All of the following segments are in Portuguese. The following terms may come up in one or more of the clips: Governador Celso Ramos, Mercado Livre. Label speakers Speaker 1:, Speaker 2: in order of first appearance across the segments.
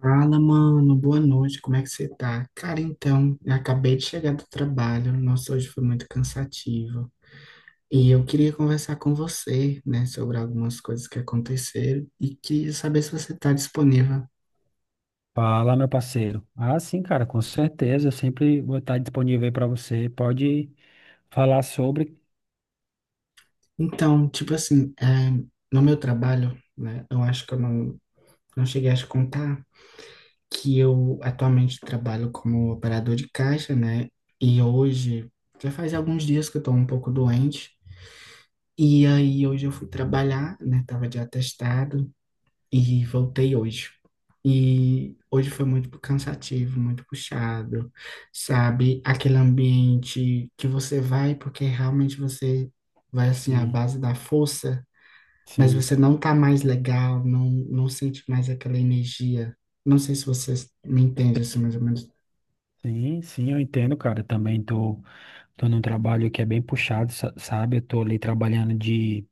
Speaker 1: Fala, mano, boa noite, como é que você tá? Cara, então, eu acabei de chegar do trabalho, nossa, hoje foi muito cansativo. E eu queria conversar com você, né, sobre algumas coisas que aconteceram e queria saber se você tá disponível.
Speaker 2: Fala, meu parceiro. Ah, sim, cara, com certeza. Eu sempre vou estar disponível aí para você. Pode falar sobre.
Speaker 1: Então, tipo assim, no meu trabalho, né, eu acho que eu não, não cheguei a te contar que eu atualmente trabalho como operador de caixa, né, e hoje já faz alguns dias que eu tô um pouco doente. E aí hoje eu fui trabalhar, né? Tava de atestado e voltei hoje. E hoje foi muito cansativo, muito puxado, sabe? Aquele ambiente que você vai porque realmente você vai assim à
Speaker 2: Sim,
Speaker 1: base da força, mas
Speaker 2: sim,
Speaker 1: você não tá mais legal, não sente mais aquela energia. Não sei se você me entende assim mais ou menos.
Speaker 2: sim, sim, eu entendo, cara. Eu também tô num trabalho que é bem puxado, sabe? Eu tô ali trabalhando de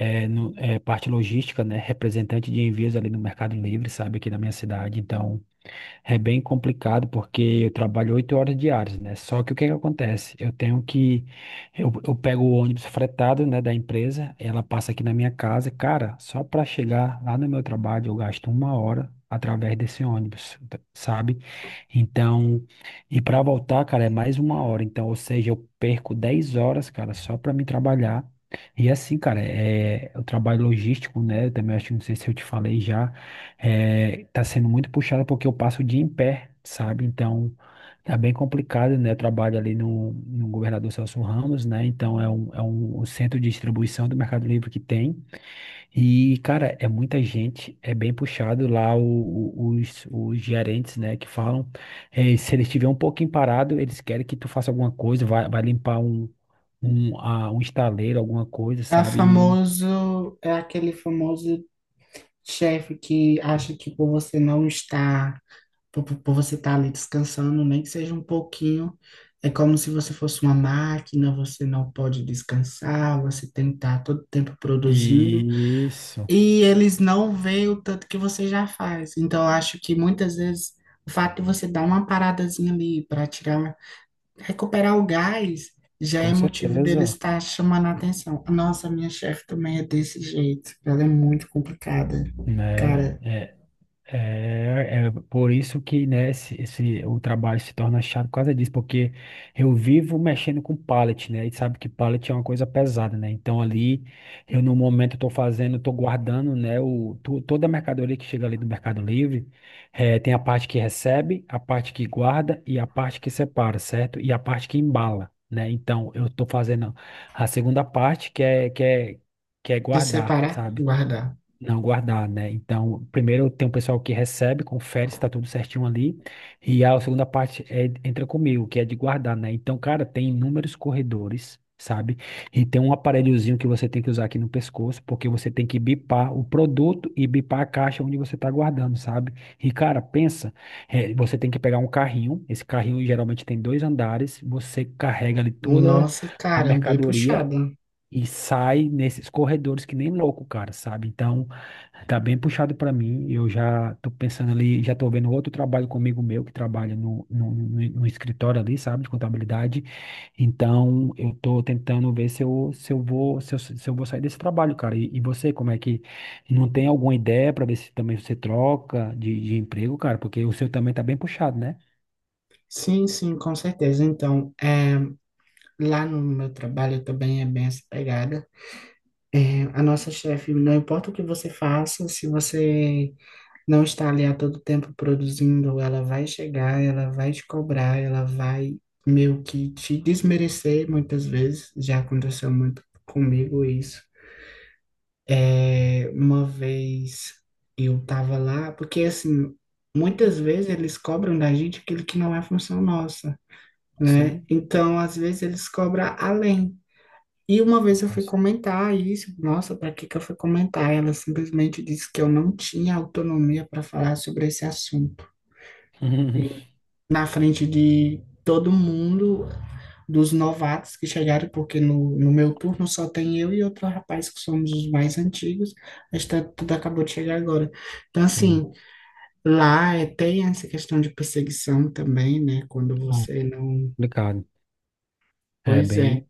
Speaker 2: parte logística, né? Representante de envios ali no Mercado Livre, sabe? Aqui na minha cidade. Então. É bem complicado porque eu trabalho 8 horas diárias, né? Só que o que que acontece? Eu tenho que. Eu pego o ônibus fretado, né, da empresa, ela passa aqui na minha casa. Cara, só para chegar lá no meu trabalho eu gasto uma hora através desse ônibus, sabe? Então, e para voltar, cara, é mais uma hora. Então, ou seja, eu perco 10 horas, cara, só para me trabalhar. E assim, cara, eu trabalho logístico, né? Eu também acho, não sei se eu te falei já. Tá sendo muito puxado porque eu passo o dia em pé, sabe? Então, tá bem complicado, né? Eu trabalho ali no Governador Celso Ramos, né? Então, é um centro de distribuição do Mercado Livre que tem. E, cara, é muita gente, é bem puxado lá os gerentes, né? Que falam, se ele estiver um pouquinho parado, eles querem que tu faça alguma coisa, vai limpar um estaleiro, alguma coisa,
Speaker 1: É
Speaker 2: sabe?
Speaker 1: famoso, é aquele famoso chefe que acha que por você estar ali descansando, nem que seja um pouquinho, é como se você fosse uma máquina, você não pode descansar, você tem que estar todo tempo produzindo,
Speaker 2: Isso,
Speaker 1: e eles não veem o tanto que você já faz. Então, eu acho que muitas vezes o fato de você dar uma paradazinha ali para tirar, recuperar o gás, já
Speaker 2: com
Speaker 1: é motivo deles
Speaker 2: certeza.
Speaker 1: estar chamando a atenção. Nossa, minha chefe também é desse jeito, ela é muito complicada,
Speaker 2: Né?
Speaker 1: cara,
Speaker 2: É por isso que, né, o trabalho se torna chato por causa disso, porque eu vivo mexendo com pallet, né, e sabe que pallet é uma coisa pesada, né, então ali, eu no momento estou fazendo, estou guardando, né, toda a mercadoria que chega ali do Mercado Livre, tem a parte que recebe, a parte que guarda e a parte que separa, certo? E a parte que embala, né, então eu estou fazendo a segunda parte, que é
Speaker 1: de
Speaker 2: guardar,
Speaker 1: separar, e
Speaker 2: sabe?
Speaker 1: guardar.
Speaker 2: Não guardar, né? Então, primeiro tem um pessoal que recebe, confere se está tudo certinho ali. E a segunda parte é, entra comigo, que é de guardar, né? Então, cara, tem inúmeros corredores, sabe? E tem um aparelhozinho que você tem que usar aqui no pescoço, porque você tem que bipar o produto e bipar a caixa onde você está guardando, sabe? E, cara, pensa, você tem que pegar um carrinho. Esse carrinho geralmente tem dois andares, você carrega ali toda
Speaker 1: Nossa,
Speaker 2: a
Speaker 1: caramba, bem puxada.
Speaker 2: mercadoria. E sai nesses corredores que nem louco, cara, sabe? Então, tá bem puxado para mim. Eu já tô pensando ali, já tô vendo outro trabalho comigo meu que trabalha no escritório ali, sabe, de contabilidade. Então, eu tô tentando ver se eu, se eu vou, se eu, se eu vou sair desse trabalho, cara. E você, como é que não tem alguma ideia para ver se também você troca de emprego, cara? Porque o seu também tá bem puxado, né?
Speaker 1: Sim, sim, com certeza. Então, é, lá no meu trabalho também é bem essa pegada. É, a nossa chefe, não importa o que você faça, se você não está ali a todo tempo produzindo, ela vai chegar, ela vai te cobrar, ela vai meio que te desmerecer muitas vezes. Já aconteceu muito comigo isso. É, uma vez eu tava lá, porque assim, muitas vezes eles cobram da gente aquilo que não é função nossa, né?
Speaker 2: Sim,
Speaker 1: Então, às vezes eles cobram além. E uma vez eu fui
Speaker 2: nossa,
Speaker 1: comentar isso, nossa, para que que eu fui comentar? Ela simplesmente disse que eu não tinha autonomia para falar sobre esse assunto. E na frente de todo mundo, dos novatos que chegaram, porque no meu turno só tem eu e outro rapaz que somos os mais antigos, mas tá, tudo acabou de chegar agora. Então,
Speaker 2: sim.
Speaker 1: assim, lá é, tem essa questão de perseguição também, né? Quando
Speaker 2: Ah,
Speaker 1: você não.
Speaker 2: complicado. É
Speaker 1: Pois
Speaker 2: bem
Speaker 1: é.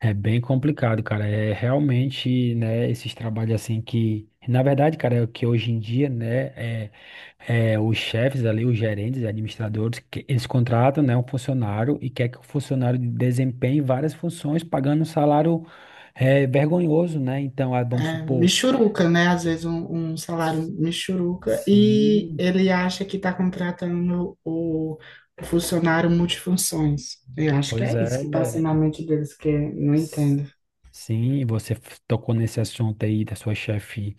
Speaker 2: É bem complicado, cara. É realmente, né, esses trabalhos assim que, na verdade, cara, é o que hoje em dia, né, é os chefes ali, os gerentes, administradores, que eles contratam, né, um funcionário e quer que o funcionário desempenhe várias funções, pagando um salário vergonhoso, né? Então, ah, vamos
Speaker 1: É,
Speaker 2: supor,
Speaker 1: Michuruca, né? Um salário
Speaker 2: s-
Speaker 1: michuruca e
Speaker 2: sim,
Speaker 1: ele acha que está contratando o Funcionário multifunções. Eu acho que
Speaker 2: pois
Speaker 1: é
Speaker 2: é,
Speaker 1: isso que passa
Speaker 2: é,
Speaker 1: na mente deles que eu não
Speaker 2: S-
Speaker 1: entendo.
Speaker 2: Sim, você tocou nesse assunto aí da sua chefe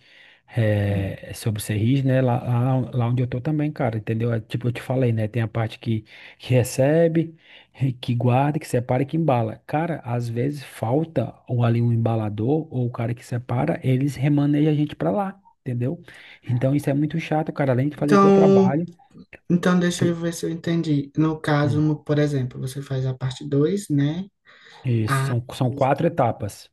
Speaker 2: sobre ser rígido, né? Lá onde eu tô também, cara, entendeu? Tipo, eu te falei, né? Tem a parte que recebe, que guarda, que separa e que embala. Cara, às vezes falta ou ali um embalador ou o cara que separa, eles remanejam a gente pra lá, entendeu? Então isso é muito chato, cara. Além de fazer o teu
Speaker 1: Então,
Speaker 2: trabalho,
Speaker 1: Então, deixa eu
Speaker 2: tu-
Speaker 1: ver se eu entendi. No caso,
Speaker 2: hum,
Speaker 1: no- Por exemplo, você faz a parte 2, né?
Speaker 2: isso, são quatro etapas.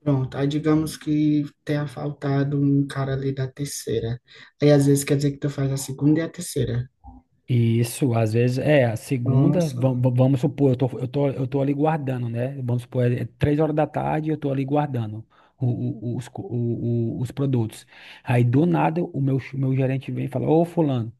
Speaker 1: Pronto. Aí digamos que tenha faltado um cara ali da terceira. Aí às vezes quer dizer que tu faz a segunda e a terceira.
Speaker 2: Isso, às vezes, a segunda,
Speaker 1: Nossa,
Speaker 2: vamos supor, eu tô ali guardando, né? Vamos supor, é 3 horas da tarde, eu tô ali guardando o- os produtos. Aí, do nada, meu gerente vem e fala, ô, fulano,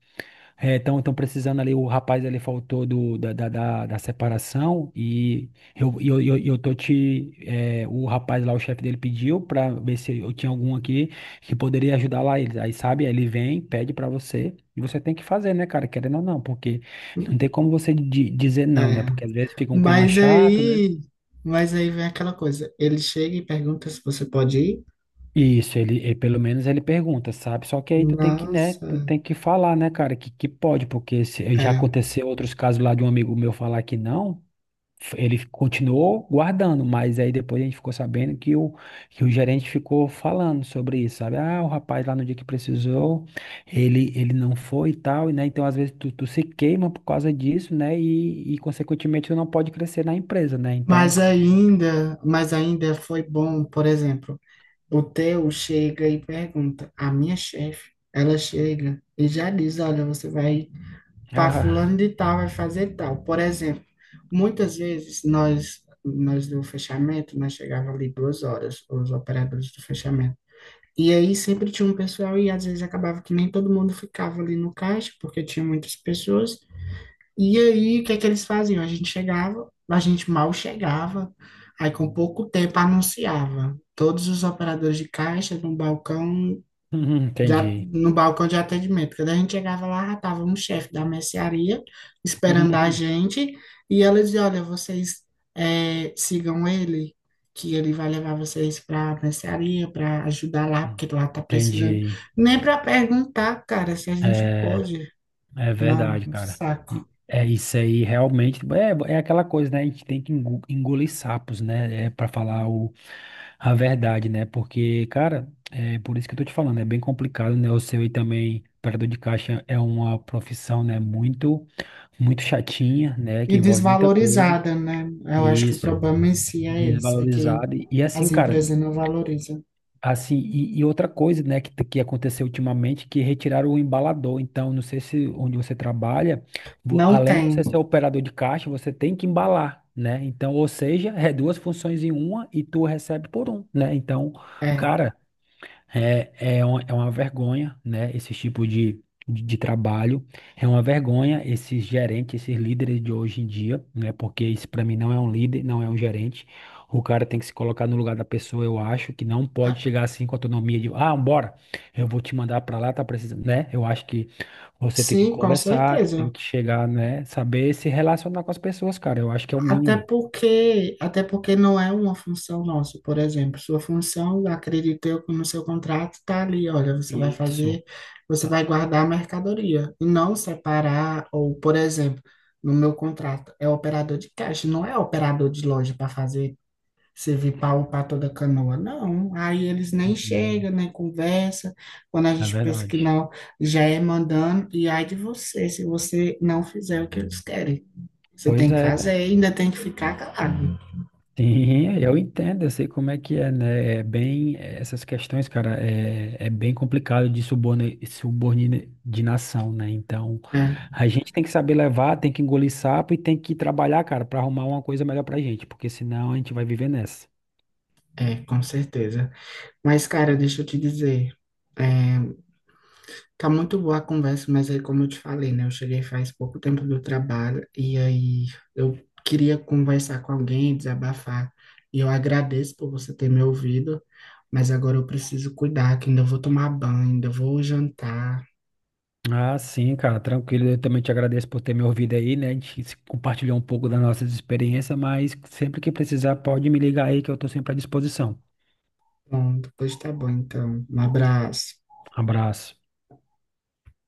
Speaker 2: então, estão precisando ali, o rapaz ali faltou do, da, da, da, da separação e eu, e eu, e eu, e eu tô te, é, o rapaz lá, o chefe dele pediu pra ver se eu tinha algum aqui que poderia ajudar lá eles. Aí, sabe, ele vem, pede pra você e você tem que fazer, né, cara, querendo ou não, porque não tem como você dizer não, né,
Speaker 1: é.
Speaker 2: porque às vezes fica um clima
Speaker 1: Mas
Speaker 2: chato, né?
Speaker 1: aí, mas aí vem aquela coisa. Ele chega e pergunta se você pode ir.
Speaker 2: Isso, pelo menos ele pergunta, sabe? Só que aí tu tem que, né,
Speaker 1: Nossa,
Speaker 2: tu tem que falar, né, cara, que pode, porque já
Speaker 1: é.
Speaker 2: aconteceu outros casos lá de um amigo meu falar que não, ele continuou guardando, mas aí depois a gente ficou sabendo que o gerente ficou falando sobre isso, sabe? Ah, o rapaz lá no dia que precisou, ele não foi e tal, né? Então, às vezes, tu se queima por causa disso, né? Consequentemente, tu não pode crescer na empresa, né? Então,
Speaker 1: Mas ainda foi bom, por exemplo. O teu chega e pergunta. A minha chefe, ela chega e já diz: Olha, você vai para
Speaker 2: ah,
Speaker 1: fulano de tal, vai fazer tal. Por exemplo, muitas vezes nós do fechamento, nós chegava ali 2 horas, os operadores do fechamento. E aí sempre tinha um pessoal e às vezes acabava que nem todo mundo ficava ali no caixa, porque tinha muitas pessoas. E aí, o que é que eles faziam? A gente chegava, a gente mal chegava, aí com pouco tempo anunciava todos os operadores de caixa no balcão
Speaker 2: entendi.
Speaker 1: no balcão de atendimento. Quando a gente chegava lá, já estava um chefe da mercearia esperando a gente, e ela dizia, olha, vocês sigam ele, que ele vai levar vocês para a mercearia, para ajudar lá, porque lá está precisando.
Speaker 2: Entendi.
Speaker 1: Nem para perguntar, cara, se a gente
Speaker 2: É,
Speaker 1: pode.
Speaker 2: É
Speaker 1: Não,
Speaker 2: verdade,
Speaker 1: um
Speaker 2: cara.
Speaker 1: saco.
Speaker 2: É isso aí, realmente. É aquela coisa, né? A gente tem que engolir sapos, né? É para falar a verdade, né? Porque, cara, é por isso que eu tô te falando, é bem complicado, né? O seu aí também, operador de caixa, é uma profissão, né? Muito, muito chatinha, né? Que
Speaker 1: E
Speaker 2: envolve muita coisa.
Speaker 1: desvalorizada, né? Eu acho que o
Speaker 2: Isso,
Speaker 1: problema em si é esse, é que
Speaker 2: desvalorizado. E assim,
Speaker 1: as
Speaker 2: cara.
Speaker 1: empresas não valorizam.
Speaker 2: Assim, e outra coisa, né, que aconteceu ultimamente, que retiraram o embalador. Então, não sei se onde você trabalha,
Speaker 1: Não
Speaker 2: além de
Speaker 1: tem,
Speaker 2: você ser operador de caixa, você tem que embalar, né? Então, ou seja, é duas funções em uma e tu recebe por um, né? Então,
Speaker 1: é.
Speaker 2: cara, é, é uma vergonha, né? Esse tipo de trabalho. É uma vergonha esses gerentes, esses líderes de hoje em dia, né? Porque isso para mim não é um líder, não é um gerente. O cara tem que se colocar no lugar da pessoa, eu acho, que não pode chegar assim com autonomia de, ah, bora, eu vou te mandar para lá, tá precisando, né? Eu acho que você tem que
Speaker 1: Sim, com
Speaker 2: conversar,
Speaker 1: certeza.
Speaker 2: tem que chegar, né? Saber se relacionar com as pessoas, cara. Eu acho que é o mínimo.
Speaker 1: Até porque não é uma função nossa, por exemplo. Sua função, acredito eu, que no seu contrato está ali, olha, você vai
Speaker 2: Isso.
Speaker 1: fazer, você
Speaker 2: Ah,
Speaker 1: vai guardar a mercadoria e não separar, ou, por exemplo, no meu contrato, é operador de caixa, não é operador de loja para fazer servir para upar toda a canoa. Não, aí eles nem
Speaker 2: hum,
Speaker 1: chegam, nem conversa. Quando a
Speaker 2: é
Speaker 1: gente pensa que
Speaker 2: verdade.
Speaker 1: não, já é mandando, e ai de você, se você não fizer o que eles querem. Você
Speaker 2: Pois
Speaker 1: tem que
Speaker 2: é.
Speaker 1: fazer, ainda tem que ficar calado.
Speaker 2: Sim, eu entendo, eu sei como é que é, né? É bem, essas questões, cara, é bem complicado de subordinação, né? Então,
Speaker 1: É,
Speaker 2: a gente tem que saber levar, tem que engolir sapo e tem que trabalhar, cara, para arrumar uma coisa melhor pra gente, porque senão a gente vai viver nessa.
Speaker 1: é, com certeza. Mas, cara, deixa eu te dizer, é, tá muito boa a conversa, mas aí, como eu te falei, né? Eu cheguei faz pouco tempo do trabalho e aí eu queria conversar com alguém, desabafar. E eu agradeço por você ter me ouvido, mas agora eu preciso cuidar, que ainda vou tomar banho, ainda vou jantar.
Speaker 2: Ah, sim, cara, tranquilo. Eu também te agradeço por ter me ouvido aí, né? A gente se compartilhou um pouco das nossas experiências, mas sempre que precisar, pode me ligar aí que eu tô sempre à disposição.
Speaker 1: Bom, depois tá bom, então. Um abraço.
Speaker 2: Abraço.